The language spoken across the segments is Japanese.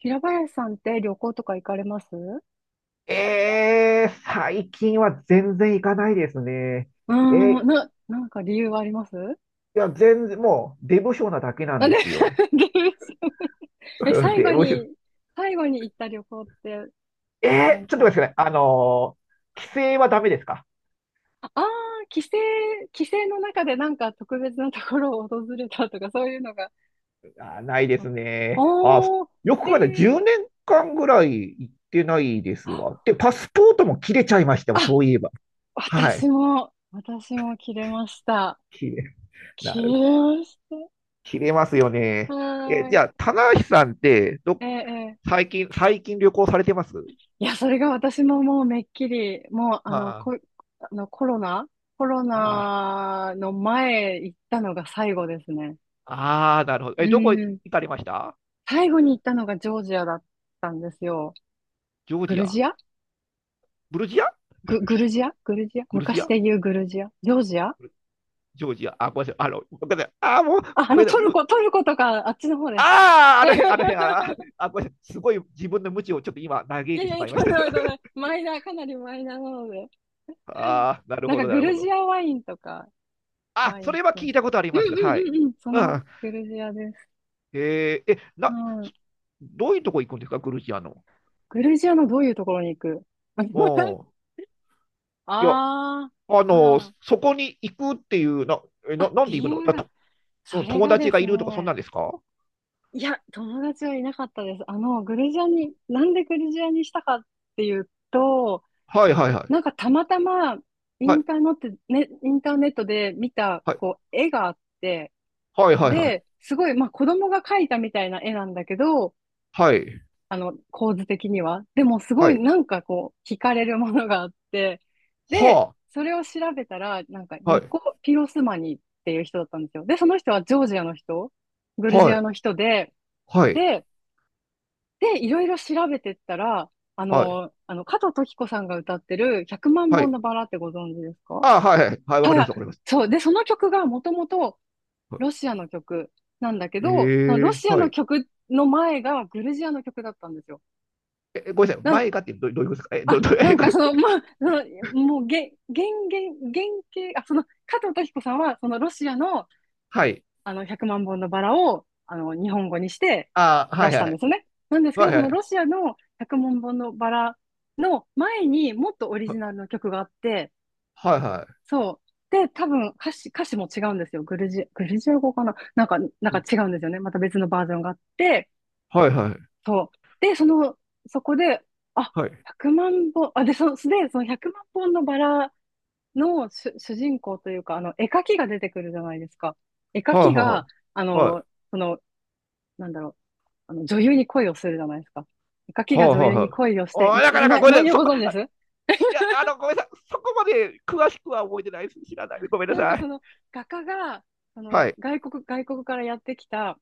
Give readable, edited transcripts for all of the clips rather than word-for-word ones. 平林さんって旅行とか行かれますう？ええ、最近は全然行かないですね。ーえん、ーな、なんか理由はあります？いや、全然、もう、出不精なだけなんなんでで？ すよ。理由知らない。 え、最後出不精。に、最後に行った旅行って、なんちょっと待ってか、くださいね帰省はダメですか？ああー、帰省、帰省の中でなんか特別なところを訪れたとか、そういうのが、あー、ないであすっ、ね。あー、おー、よくへ考えたら10え。年間ぐらい行ってないですわ。で、パスポートも切れちゃいましたあ、わ、そういえば。は私い。も、私も切れました。切れ、なる切ほれど。まし切れますよた。ね。え、はーじい。ゃあ、棚橋さんって、ええ、え最近旅行されてますいや、それが私ももうめっきり、もうあの、はあ、こ、あのコロナ、コロああ。ナの前行ったのが最後ですね。ああ、なるほど。え、うどこ行ん。かれました？最後に行ったのがジョージアだったんですよ。ジョーグジルア？ジアブルジア？グルジア、グルジ昔ア？で言うグルジア、ジョージア。ジョージア？あ、ごめんなさい。あの、ごめんなさい。ああ、もう、あ、あこのれだ。トルむコ、トルコとかあっちの方です。ああ、あの辺、あー あ、ごめんなさい。すごい自分の無知をちょっと今、嘆いいやてしいや、まいまとしんでた。もないとんでもない。マイナー、かなりマイナーなので。ああ、なるなんほかど、なグるほルジど。アワインとか、あ、ワイそン好れはき？う聞んいたことあります。はうんうい。んうん。そうのん。グルジアです。えーえ、な、そどういうとこ行くんですか、グルジアの？グルジアのどういうところに行く？ う ん。いや、あああ、の、はあ。そこに行くっていう、な、え、な、あ、なんで理行くの由だが、と、そうん、れ友がで達がすいるとか、そんなね、んですか？いや、友達はいなかったです。あの、グルジアに、なんでグルジアにしたかっていうと、はい、はい、はい。なんかたまたま、イはンい。ターネット、ね、インターネットで見た、はいこう、絵があって、はいはいはい。で、すごい、まあ、子供が描いたみたいな絵なんだけど、はい。構図的には。でもすごはいい。なんかこう、惹かれるものがあって、で、はそれを調べたら、なんかあ。はニコ・い。ピロスマニっていう人だったんですよ。で、その人はジョージアの人、グルジはアい。の人で、はい。で、で、いろいろ調べてったら、はい。加藤登紀子さんが歌ってる100万は本い。のバラってご存知ですか？はああ、はいはい。はい。わかいりまはす。い、わかります。そう。で、その曲がもともとはロシアの曲なんだけい、ど、そのえロえ、シアはのい。曲の前がグルジアの曲だったんですよ。え、ごめんなさい。な、前がってどういうことですか？え、なえ、んこかれ。その、まあ、その、もう、げ、原原原型、あ、その、加藤登紀子さんは、そのロシアの、はい。100万本のバラを、日本語にしてああ、は出いしはたんでい。すよね。なんですけはど、いそはのい。ロシアの100万本のバラの前にもっとオリジナルの曲があって、はいはそう。で、多分歌詞も違うんですよ。グルジア語かな、なんか違い。うんですよね。また別のバージョンがあって、はいはい。そう。で、その、そこで、あ、はい。100万本、あ、で、そ、で、その1万本のバラの主人公というか、絵描きが出てくるじゃないですか。絵描はいはきいが、あはい。はい。の、その、なんだろう、女優に恋をするじゃないですか。絵描きはがい女はい優にはい。恋をして、ああ、なかなか、ごめんな内さい。容ご存知ですいや、あの、ごめんなさい。そこまで詳しくは覚えてないです。知らない。ごめんななんさかい。その、画家が、その、はい。外国からやってきた、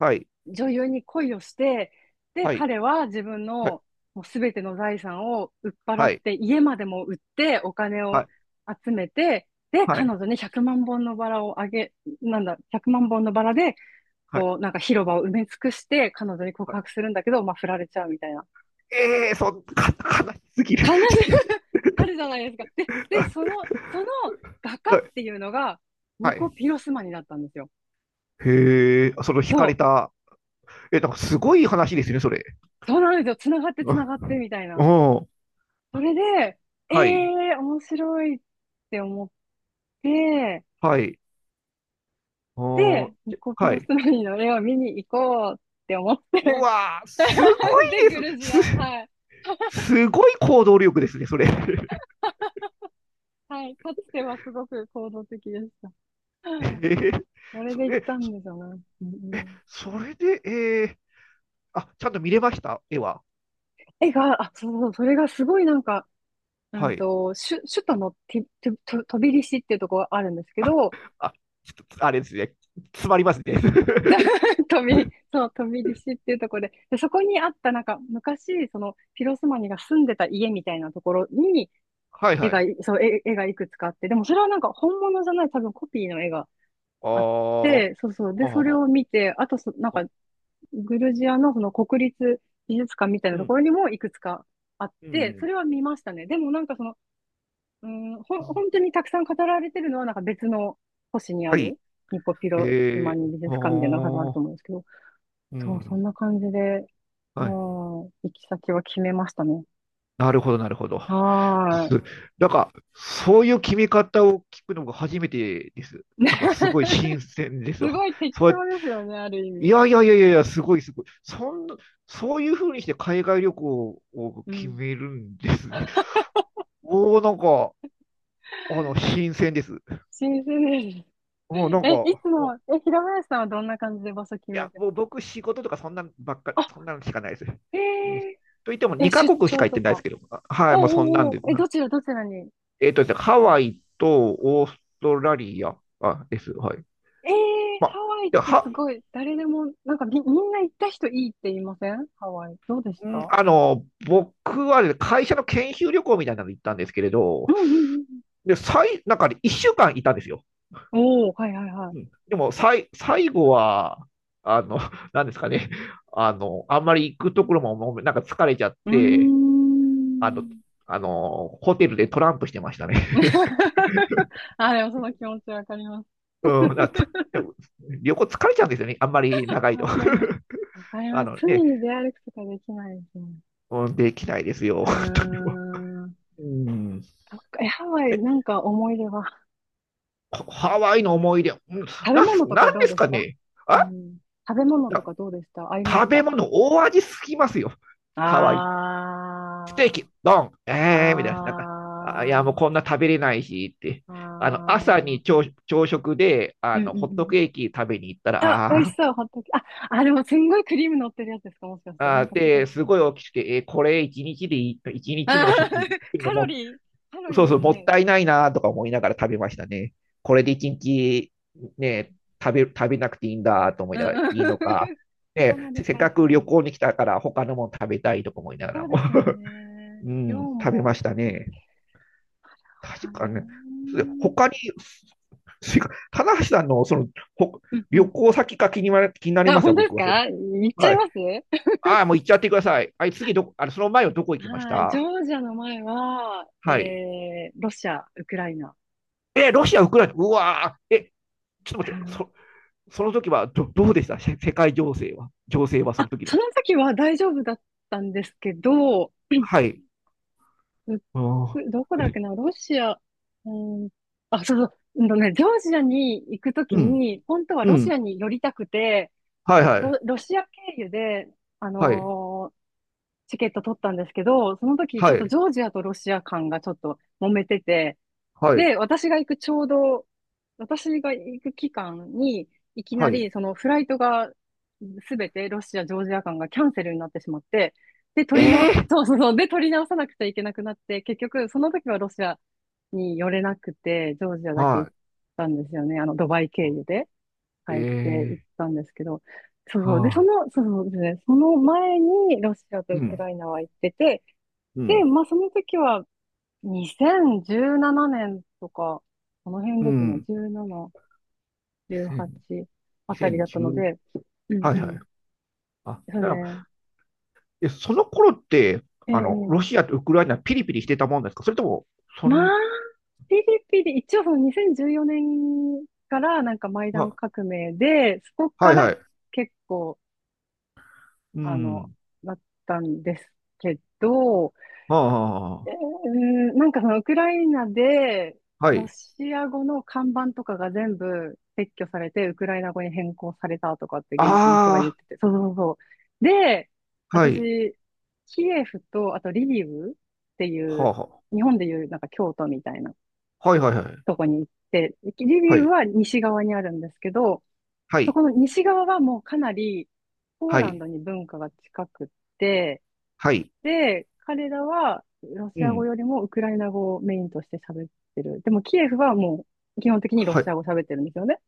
はい。女優に恋をして、で、はい。彼は自分のもう全ての財産を売っ払はっい。て、家までも売ってお金を集めて、で、はい。は彼い。女に100万本のバラをあげ、なんだ、1万本のバラで、はい。こう、なんか広場を埋め尽くして、彼女には告い。白するんだけど、まあ、振られちゃうみたいな。ええー、そん、か、悲しすぎる。必ず あるじゃないですか。で、そ の、その画家っていうのが、はニい。コ・ピロスマニだったんですよ。へえ、その惹そかれう。た。え、なんかすごい話ですね、それ。そうなんですよ。つながってつなあ、がってみたいな。おー、それで、えはい、えー、面白いって思って、はい、おで、ー、ニコピはロスい。マニの絵を見に行こうって思って。 うわー、すごい で、グでルジす。ア。はす、い。すごい行動力ですね、それ。はい。かつてはすごく行動的でした。えー、それそ、で行っえ、たんですよね。うんうん。それで、あ、ちゃんと見れました、絵は？絵が、あ、そうそう、それがすごいなんか、うはんい。と、首都のティ、ティ、トトビリシっていうとこがあるんですけど、あ、ちょっと、あれですね。詰まりますね。トビ、そう、トビリシっていうところで、そこにあったなんか昔、その、ピロスマニが住んでた家みたいなところに、はい絵はがい。い、そう、絵、絵がいくつかあって、でもそれはなんか本物じゃない、多分コピーの絵がああっー、て、そうそう。で、あそれー、あをー、見て、あとそ、なんか、グルジアのその国立美術館みたいうなとん、ころにもいくつかあっうて、そん、れは見ましたね。でもなんかその、うん、ほん、うん、本当にたくさん語られてるのはなんか別の星にあはい。る、ニコピえロスマー、ニ美術館みたいなのが多分あるおとー、思うんですけど、うそう、そんん。な感じで、うん、はい。行き先は決めましたね。なるほど、なるほど。はす、ーなんか、そういう決め方を聞くのが初めてです。い。なんか、すごい新 鮮ですすよ。ごい適そうやっ当て、ですよね、ある意い味。やいやいやいやいや、すごい、すごい。そんな、そういうふうにして海外旅行をう決ん。めるんですね。おー、なんか、あの、新鮮です。新鮮です。うん、な んいか、つも、平林さんはどんな感じで場所決いめや、てまもうす僕、仕事とかそんなばっかり、あ、そんなのしかないです。へうん。とえ言っても、ー、出2カ国しか張行っとてないですか？けど、あ、はい、もうそんおなうんおうおで。う、はどちい。らどちらに？ですね、ハはい、ワイとオーストラリア、あ、です。はい。えー、まあ、ハワイっでてすは、ごい、誰でも、なんかみんな行った人いいって言いませんハワイ。どうでしうん、た？あの、僕はね会社の研修旅行みたいなの行ったんですけれうど、んうんうんで、なんかね、1週間いたんですよ。うん。おお、はいはいはうい。ん。でも、最後は、あの、なんですかね、あの、あんまり行くところも、もうなんか疲れちゃっうーて、あの、ん。ホテルでトランプしてましたね。あ、でもその気持ちわかります。うん、つ旅行疲れちゃうんですよね。あんまり長いと。わかります。わか りあます。の罪ね、に出歩くとかできないですね。うん、できないですよ。う 本当にもーん。う、うん。そっかえ、ハワイ、なんか思い出は？ハワイの思い出、うん、食べな物んとかなんどうですでしかた？ね。うあん。食べ物となかどうでした、合いま食しべた？物、大味すぎますよ。ハワイ。ステーあキ、ドン、ー、みたいな。なんか、あ、いや、もうあこんな食べれないしって。ー、ああの、朝にー、朝、朝食で、うあんうんの、うホットんケーキ食べに行ったら、うん。あ、美味あしあ、そう、ホットケーキ。あ、あ、でもすんごいクリーム乗ってるやつですか、もしかして。なあんー、かポテで、すトと、ごい大きくて、これ一日でいい、一あ日の食費ー、 っ ていうカのロも、リー、カロそリうーそう、ももっね、たいないなとか思いながら食べましたね。これで一日、ね、食べなくていいんだと思いうんながら、いうん。いのか、かね、なりせせっハイかカくロ旅リー。行に来たから他のもの食べたいとか思いながそらうも、ですよ ね。う量ん、食べまも、したね。た確だかね、ね。他に、棚橋さんのその、ほうんう旅ん、行先が気になり気になりあ、ます本よ、当で僕すは。それ、か、言っちゃはいまい。すああ、もう行っちゃってください。はい、あの、その前はどこ行きましはい。ジた？ョージアの前は、はい。ロシア、ウクライナ。え、ロシア、ウクライナ、うわー、え、ちょっと待っはて、い、その時はどうでした？世界情勢は。情勢はそあ、の時その。の時は大丈夫だったんですけど、はい。あうどこー、だっけえ、な、ロシア、うん、あ、そうそう、うんとね、ジョージアに行くときうん、に、本当はうロシん。アに寄りたくて、はいはロ、い。ロシア経由で、あはい。のーチケット取ったんですけど、その時はちょっとい。ジョージアとロシア間がちょっと揉めてて、はい。で、私が行く期間に、いきなはい。り、そのフライトが、すべてロシア、ジョージア間がキャンセルになってしまって、で、え取りの、ー、そうそうそう、で、取り直さなくちゃいけなくなって、結局、その時はロシアに寄れなくて、ジョージアだけ行はったんですよね。ドバイ経由でい。帰って行っえたんですけど、そうー、そう、で、はそあ。の、そうそうですね、その前にロシアとうウクん、ライナは行ってて、うで、ん、まあ、その時は、2017年とか、この辺うですね。ん。17、18あたりだったの2010、で、うんはいうはん。い。あ、そうなら、ね。その頃って、ええ、あの、えロえ、シアとウクライナピリピリしてたもんですか？それとも、そまあ、ん、ピリピリ、一応その2014年からなんかマイダンあ、革命で、そこはかいらはい。結構、うあの、ん。なったんですけど、はあ、はなんかそのウクライナで、あ、はロい。シア語の看板とかが全部撤去されて、ウクライナ語に変更されたとかって現地の人が言っあてて。そうそうそう。で、あ、はい。私、キエフと、あとリビウっていはう、あ、は日本でいうなんか京都みたいなあ、はいはいはい。とこに行って、リビはウい。は西側にあるんですけど、はそい。この西側はもうかなりポーはランい。ドに文化が近くって、はい。で、彼らはロうシア語ん。よりもウクライナ語をメインとして喋ってる。でもキエフはもう基本的にロはシアい。語喋ってるんですよね。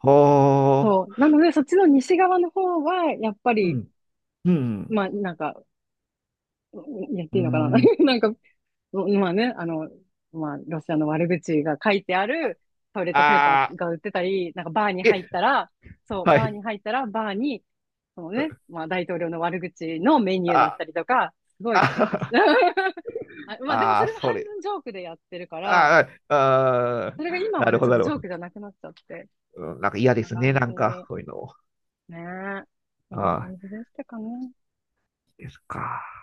はそう。あ。なので、そっちの西側の方は、やっぱうり、ん。うん。まあ、なんか、うんやっうていいのかな。 ん。なんか、まあね、まあ、ロシアの悪口が書いてあるトイレットペーパあーあ、が売ってたり、なんかバーに入っえ、たら、そう、はバーい。に入ったら、バーに、そのね、まあ、大統領の悪口のメニューだっあ、たりとか、すごい結構し、あ、あ、まあ、でもそあ、れもそ半れ。分ジョークでやってるから、ああ、ああ、それが今なはるね、ほちょど、っなとるジョほーど。クじゃなくなっちゃって、うん、なんか嫌こんでなすね、感なじ。んか、ねこういうの。え。こんなああ。感じでしたかね。ですか。